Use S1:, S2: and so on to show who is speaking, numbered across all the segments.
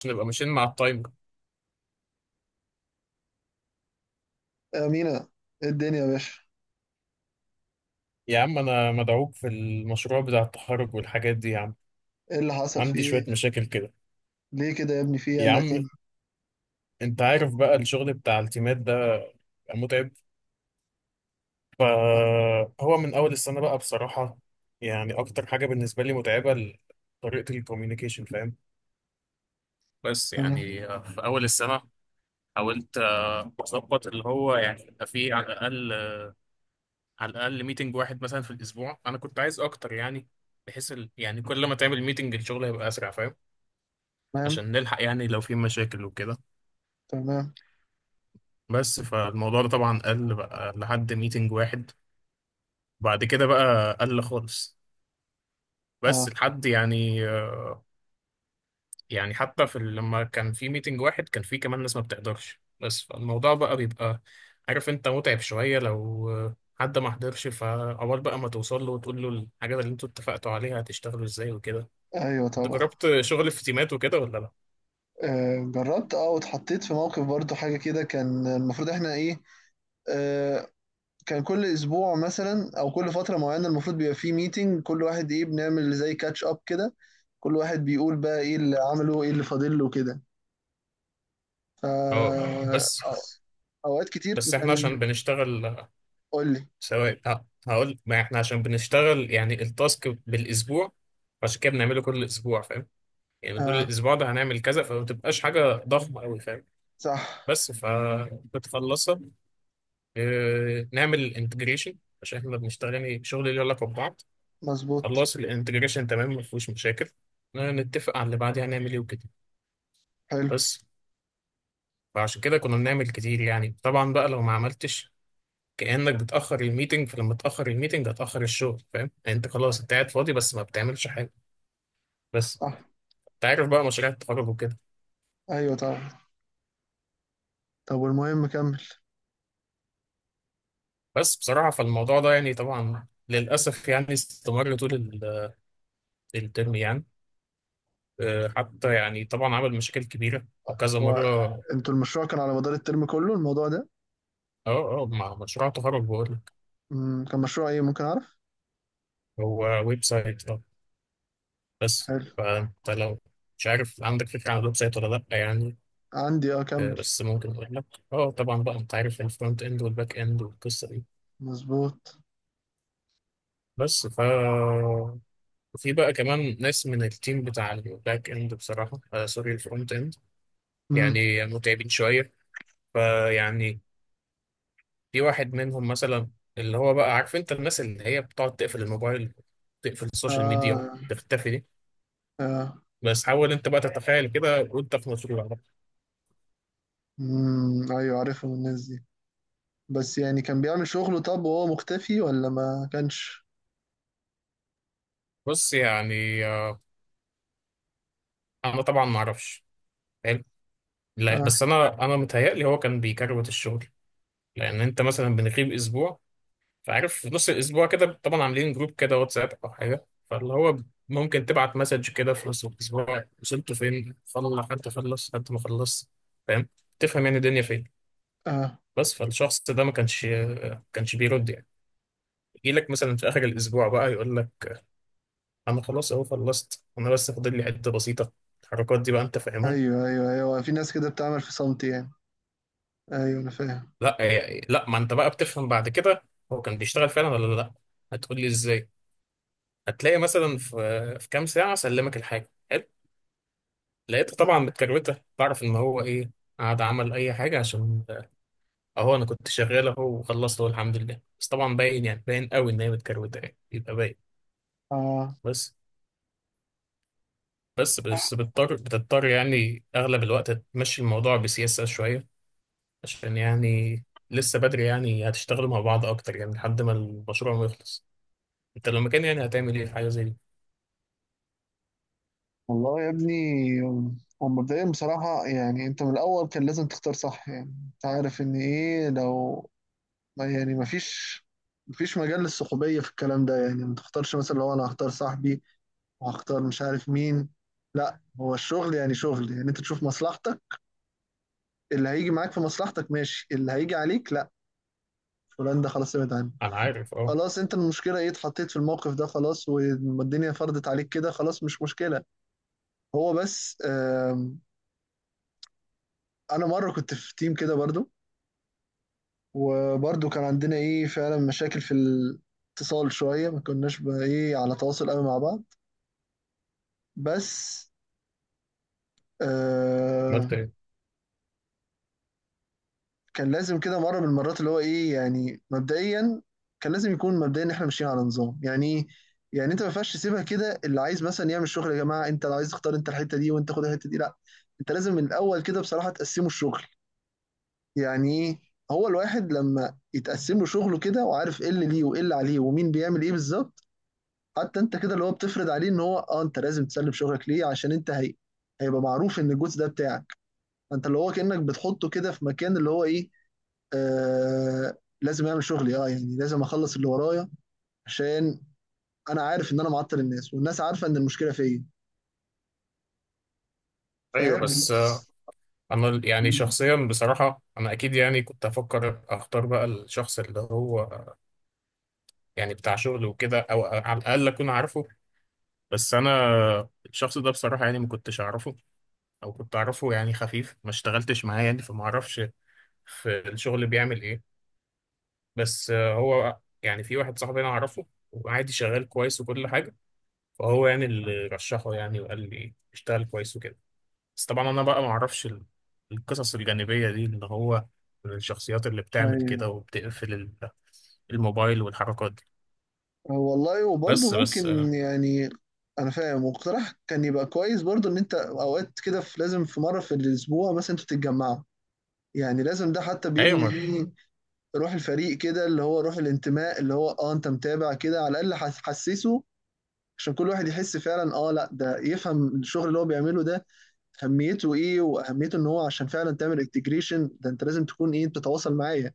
S1: عشان نبقى ماشيين مع التايمر.
S2: أمينة. إيه الدنيا يا باشا؟
S1: يا عم انا مدعوك في المشروع بتاع التخرج والحاجات دي يا عم.
S2: ايه اللي حصل فيه
S1: عندي
S2: ايه؟
S1: شوية مشاكل كده.
S2: ليه كده يا ابني فيه إيه؟
S1: يا
S2: قلقتني.
S1: عم انت عارف بقى الشغل بتاع التيمات ده بيبقى متعب. فهو من اول السنة بقى بصراحة. يعني اكتر حاجة بالنسبة لي متعبة طريقة الكوميونيكيشن فاهم. بس
S2: تمام.
S1: يعني في اول السنة حاولت اظبط اللي هو يعني يبقى فيه على الاقل، على الاقل ميتنج واحد مثلا في الاسبوع، انا كنت عايز اكتر يعني، بحيث يعني كل ما تعمل ميتنج الشغل هيبقى اسرع فاهم،
S2: تمام.
S1: عشان نلحق يعني لو في مشاكل وكده.
S2: تمام.
S1: بس فالموضوع ده طبعا قل بقى لحد ميتنج واحد. بعد كده بقى قل خالص.
S2: اه.
S1: بس لحد يعني، يعني حتى في لما كان في ميتنج واحد كان في كمان ناس ما بتقدرش، بس فالموضوع بقى بيبقى عارف انت متعب شوية لو حد ما حضرش، فعقبال بقى ما توصل له وتقول له الحاجات اللي انتوا اتفقتوا عليها هتشتغلوا ازاي وكده.
S2: ايوه
S1: انت
S2: طبعا.
S1: جربت شغل في تيمات وكده ولا لا؟
S2: جربت واتحطيت في موقف برضو حاجة كده كان المفروض احنا ايه. آه كان كل اسبوع مثلا او كل فترة معينة المفروض بيبقى فيه ميتنج، كل واحد ايه بنعمل زي كاتش اب كده. كل واحد بيقول بقى ايه اللي عمله ايه اللي فاضل له كده. ف
S1: اه. بس
S2: أو- اوقات كتير
S1: بس احنا عشان
S2: كان
S1: بنشتغل،
S2: قول لي.
S1: سواء هقول ما احنا عشان بنشتغل يعني التاسك بالاسبوع، عشان كده بنعمله كل اسبوع فاهم. يعني بنقول
S2: اه.
S1: الاسبوع ده هنعمل كذا، فما بتبقاش حاجه ضخمه قوي فاهم.
S2: صح.
S1: بس فبتخلصها، اه نعمل الانتجريشن، عشان احنا بنشتغل يعني شغل ليه علاقه ببعض.
S2: مظبوط.
S1: خلص الانتجريشن تمام ما فيهوش مشاكل، اه، نتفق على اللي بعديها هنعمل ايه وكده.
S2: حلو.
S1: بس فعشان كده كنا بنعمل كتير. يعني طبعا بقى لو ما عملتش كأنك بتأخر الميتنج، فلما تأخر الميتنج هتأخر الشغل فاهم، يعني انت خلاص انت قاعد فاضي بس ما بتعملش حاجة. بس
S2: صح.
S1: انت عارف بقى مشاريع التخرج وكده.
S2: ايوه طبعا. طب والمهم كمل.
S1: بس بصراحة فالموضوع ده يعني طبعا للأسف يعني استمر طول الترم يعني. حتى يعني طبعا عمل مشاكل كبيرة وكذا
S2: هو
S1: مرة.
S2: انتوا المشروع كان على مدار الترم كله الموضوع ده؟
S1: اه اه مع مشروع تخرج بقول لك.
S2: كان مشروع ايه ممكن اعرف؟
S1: هو ويب سايت اه. بس
S2: حلو.
S1: فانت لو مش عارف عندك فكرة عن الويب سايت ولا لأ يعني.
S2: عندي اه كمل.
S1: بس ممكن اقول لك. اه طبعا بقى انت عارف الفرونت اند والباك اند والقصة دي.
S2: مظبوط.
S1: بس في بقى كمان ناس من التيم بتاع الباك اند، بصراحة آه سوري الفرونت اند،
S2: امم.
S1: يعني متعبين شوية. فيعني في واحد منهم مثلا، اللي هو بقى عارف انت الناس اللي هي بتقعد تقفل الموبايل، تقفل السوشيال ميديا
S2: اه
S1: وتختفي دي.
S2: اه.
S1: بس حاول انت بقى تتخيل كده وانت في مشروع ده.
S2: ايوه عارفهم الناس دي. بس يعني كان بيعمل شغله طب وهو مختفي ولا ما كانش؟
S1: بص يعني آه، انا طبعا ما اعرفش. حلو. لا بس
S2: اه.
S1: انا متهيألي هو كان بيكروت الشغل. لان انت مثلا بنغيب اسبوع، فعارف في نص الاسبوع كده طبعا عاملين جروب كده واتساب او حاجه، فاللي هو ممكن تبعت مسج كده في نص الاسبوع وصلتوا فين، فل حد خلص حد ما خلص فاهم، تفهم يعني الدنيا فين.
S2: اه.
S1: بس فالشخص ده ما كانش، بيرد يعني. يجي لك مثلا في اخر الاسبوع بقى يقول لك انا خلاص اهو خلصت انا، بس فاضل لي حته بسيطه. الحركات دي بقى انت فاهمها.
S2: ايوه ايوه ايوه في ناس كده بتعمل في صمت يعني. ايوه انا فاهم.
S1: لا يعني لا ما انت بقى بتفهم بعد كده هو كان بيشتغل فعلا ولا لا. هتقول لي ازاي؟ هتلاقي مثلا في كام ساعه سلمك الحاجه، لقيته طبعا متكروته، بعرف ان هو ايه قعد عمل اي حاجه عشان اهو انا كنت شغال اهو وخلصت اهو الحمد لله، بس طبعا باين يعني باين قوي ان هي متكروته يعني يبقى باين.
S2: اه.
S1: بس بس بتضطر يعني اغلب الوقت تمشي الموضوع بسياسه شويه، عشان يعني لسه بدري يعني هتشتغلوا مع بعض اكتر يعني لحد ما المشروع ما يخلص. انت لو مكان يعني هتعمل ايه في حاجه زي دي؟
S2: والله يا ابني. هو مبدئيا بصراحة يعني انت من الاول كان لازم تختار صح، يعني انت عارف ان ايه لو. والله يعني مفيش مجال للصحوبية في الكلام ده، يعني ما تختارش مثلا لو أنا هختار صاحبي وهختار مش عارف مين. لا، هو الشغل يعني شغل، يعني أنت تشوف مصلحتك. اللي هيجي معاك في مصلحتك ماشي، اللي هيجي عليك لا، فلان ده خلاص ابعد عنه.
S1: انا عارف اه.
S2: خلاص، أنت المشكلة إيه؟ اتحطيت في الموقف ده، خلاص والدنيا فرضت عليك كده، خلاص مش مشكلة. هو بس أنا مرة كنت في تيم كده برضو، وبرضو كان عندنا إيه فعلا مشاكل في الاتصال شوية، ما كناش بقى إيه على تواصل قوي مع بعض. بس آه
S1: عملت ايه؟
S2: كان لازم كده مرة من المرات اللي هو إيه يعني مبدئيا. كان لازم يكون مبدئيا إحنا ماشيين على نظام يعني إيه؟ يعني أنت ما ينفعش تسيبها كده، اللي عايز مثلا يعمل شغل يا جماعة أنت عايز تختار أنت الحتة دي وأنت خد الحتة دي، لا. أنت لازم من الأول كده بصراحة تقسمه الشغل. يعني إيه؟ هو الواحد لما يتقسم له شغله كده وعارف ايه اللي ليه وايه اللي عليه ومين بيعمل ايه بالظبط. حتى انت كده اللي هو بتفرض عليه ان هو انت لازم تسلم شغلك ليه، عشان انت هي هيبقى معروف ان الجزء ده بتاعك. انت اللي هو كانك بتحطه كده في مكان اللي هو ايه آه لازم اعمل شغلي يعني لازم اخلص اللي ورايا، عشان انا عارف ان انا معطل الناس والناس عارفه ان المشكله فيا.
S1: ايوه
S2: فاهم.
S1: بس انا يعني شخصيا بصراحه انا اكيد يعني كنت افكر اختار بقى الشخص اللي هو يعني بتاع شغل وكده، او على الاقل اكون عارفه. بس انا، الشخص ده بصراحه يعني ما كنتش اعرفه، او كنت اعرفه يعني خفيف ما اشتغلتش معاه يعني فما اعرفش في الشغل بيعمل ايه. بس هو يعني في واحد صاحبي انا اعرفه، وعادي شغال كويس وكل حاجه. فهو يعني اللي رشحه يعني وقال لي اشتغل كويس وكده. بس طبعا انا بقى ما اعرفش القصص الجانبيه دي، اللي هو الشخصيات اللي بتعمل
S2: ايوه
S1: كده وبتقفل الموبايل والحركات دي.
S2: والله وبرضه
S1: بس بس
S2: ممكن
S1: آه،
S2: يعني. انا فاهم، واقتراح كان يبقى كويس برضه ان انت اوقات كده في لازم في مره في الاسبوع مثلا انتوا تتجمعوا. يعني لازم ده حتى
S1: ايوه
S2: بيبني
S1: ما
S2: بيه روح الفريق كده، اللي هو روح الانتماء، اللي هو انت متابع كده على الاقل حسسه. عشان كل واحد يحس فعلا لا ده يفهم الشغل اللي هو بيعمله ده اهميته ايه، واهميه ان هو عشان فعلا تعمل انتجريشن ده انت لازم تكون ايه بتتواصل معايا.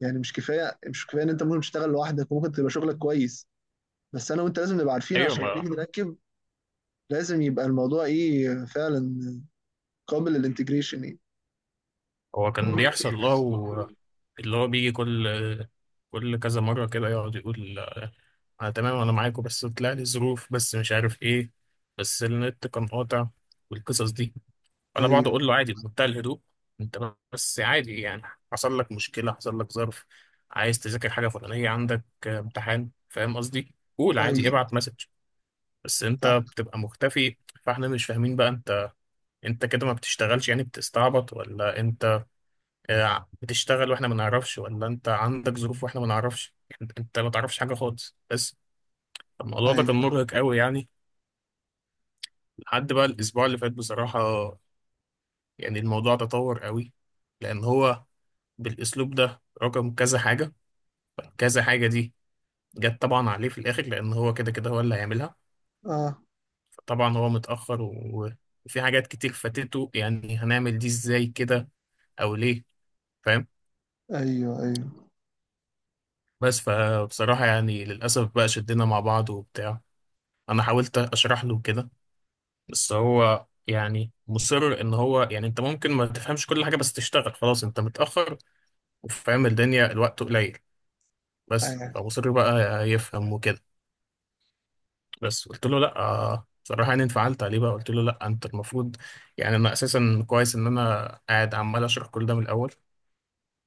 S2: يعني مش كفايه، مش كفايه ان انت ممكن تشتغل لوحدك وممكن تبقى شغلك كويس. بس انا وانت لازم نبقى عارفين
S1: ايوه
S2: عشان
S1: ما
S2: نيجي نركب. لازم يبقى الموضوع ايه فعلا قابل للانتجريشن ايه.
S1: هو كان بيحصل له آه، اللي هو بيجي كل كل كذا مره كده يقعد يقول انا تمام انا معاكم، بس طلع لي ظروف، بس مش عارف ايه، بس النت كان قاطع، والقصص دي. انا بقعد
S2: ايوه
S1: اقول له عادي بمنتهى الهدوء، انت بس عادي يعني حصل لك مشكله، حصل لك ظرف، عايز تذاكر حاجه فلانيه، عندك امتحان فاهم قصدي، قول عادي
S2: ايوه.
S1: ابعت مسج. بس انت
S2: صح.
S1: بتبقى مختفي، فاحنا مش فاهمين بقى انت، انت كده ما بتشتغلش يعني بتستعبط، ولا انت بتشتغل واحنا ما نعرفش، ولا انت عندك ظروف واحنا ما نعرفش. انت ما تعرفش حاجه خالص. بس الموضوع ده كان
S2: ايوه.
S1: مرهق قوي يعني، لحد بقى الاسبوع اللي فات بصراحه. يعني الموضوع تطور قوي، لان هو بالاسلوب ده رقم كذا حاجه، كذا حاجه دي جت طبعا عليه في الاخر، لان هو كده كده هو اللي هيعملها.
S2: اه.
S1: فطبعا هو متاخر وفي حاجات كتير فاتته، يعني هنعمل دي ازاي كده او ليه، فاهم؟
S2: ايوه ايوه
S1: بس فبصراحه يعني للاسف بقى شدنا مع بعض وبتاع. انا حاولت اشرح له كده، بس هو يعني مصر ان هو يعني انت ممكن ما تفهمش كل حاجه بس تشتغل خلاص، انت متاخر وفاهم الدنيا الوقت قليل. بس
S2: ايوه.
S1: فمصر بقى يفهم وكده. بس قلت له لا، صراحة يعني انفعلت عليه بقى، قلت له لا انت المفروض، يعني انا اساسا كويس ان انا قاعد عمال اشرح كل ده من الاول.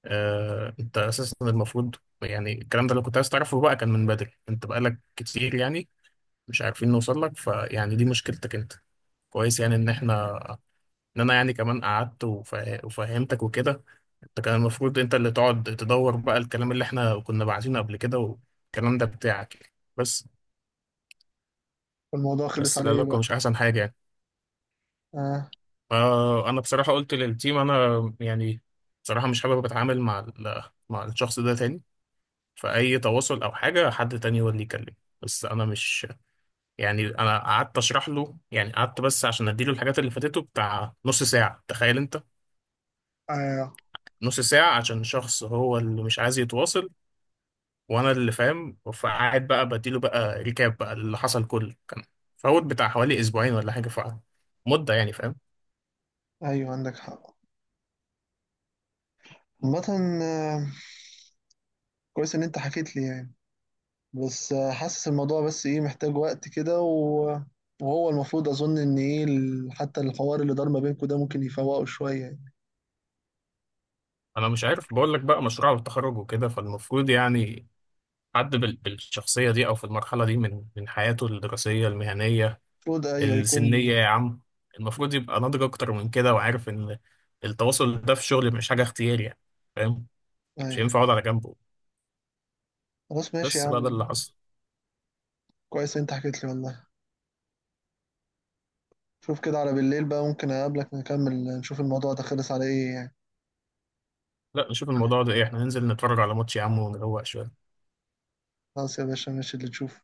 S1: آه انت اساسا المفروض، يعني الكلام ده لو كنت عايز تعرفه بقى كان من بدري، انت بقالك كتير يعني مش عارفين نوصل لك، فيعني دي مشكلتك انت. كويس يعني ان احنا، ان انا يعني كمان قعدت وفهمتك وكده، انت كان المفروض انت اللي تقعد تدور بقى الكلام اللي احنا كنا باعتينه قبل كده والكلام ده بتاعك يعني. بس.
S2: والموضوع خلص
S1: بس
S2: على ايه
S1: العلاقة
S2: بقى؟
S1: مش احسن حاجة يعني.
S2: اه.
S1: آه انا بصراحه قلت للتيم انا يعني بصراحه مش حابب اتعامل مع مع الشخص ده تاني، فاي تواصل او حاجه حد تاني هو اللي يكلم. بس انا مش، يعني انا قعدت اشرح له، يعني قعدت بس عشان اديله الحاجات اللي فاتته بتاع نص ساعه تخيل انت.
S2: ايوه
S1: نص ساعه عشان شخص هو اللي مش عايز يتواصل، وانا اللي فاهم، فقعد بقى بديله بقى ريكاب بقى اللي حصل كله، كان فوت بتاع حوالي اسبوعين ولا حاجه فمده يعني، فاهم.
S2: ايوه عندك حق. عامة آه، كويس ان انت حكيت لي يعني. بس حاسس الموضوع بس ايه محتاج وقت كده وهو المفروض اظن ان ايه حتى الحوار اللي دار ما بينكم ده ممكن يفوقه شوية يعني.
S1: انا مش عارف بقول لك بقى مشروع التخرج وكده، فالمفروض يعني حد بالشخصية دي أو في المرحلة دي من حياته الدراسية المهنية
S2: المفروض ايوه
S1: السنية
S2: يكون.
S1: يا عم، المفروض يبقى ناضج أكتر من كده، وعارف إن التواصل ده في الشغل مش حاجة اختياري يعني، فاهم. مش
S2: ايوه
S1: هينفع أقعد على جنبه.
S2: خلاص ماشي يا
S1: بس بقى ده
S2: عم.
S1: اللي حصل.
S2: كويس انت حكيت لي والله. شوف كده على بالليل بقى ممكن اقابلك نكمل، نشوف الموضوع ده خلص على ايه يعني.
S1: لا نشوف الموضوع ده إيه، إحنا ننزل نتفرج على ماتش يا عم ونروق شوية.
S2: خلاص يا باشا ماشي اللي تشوفه.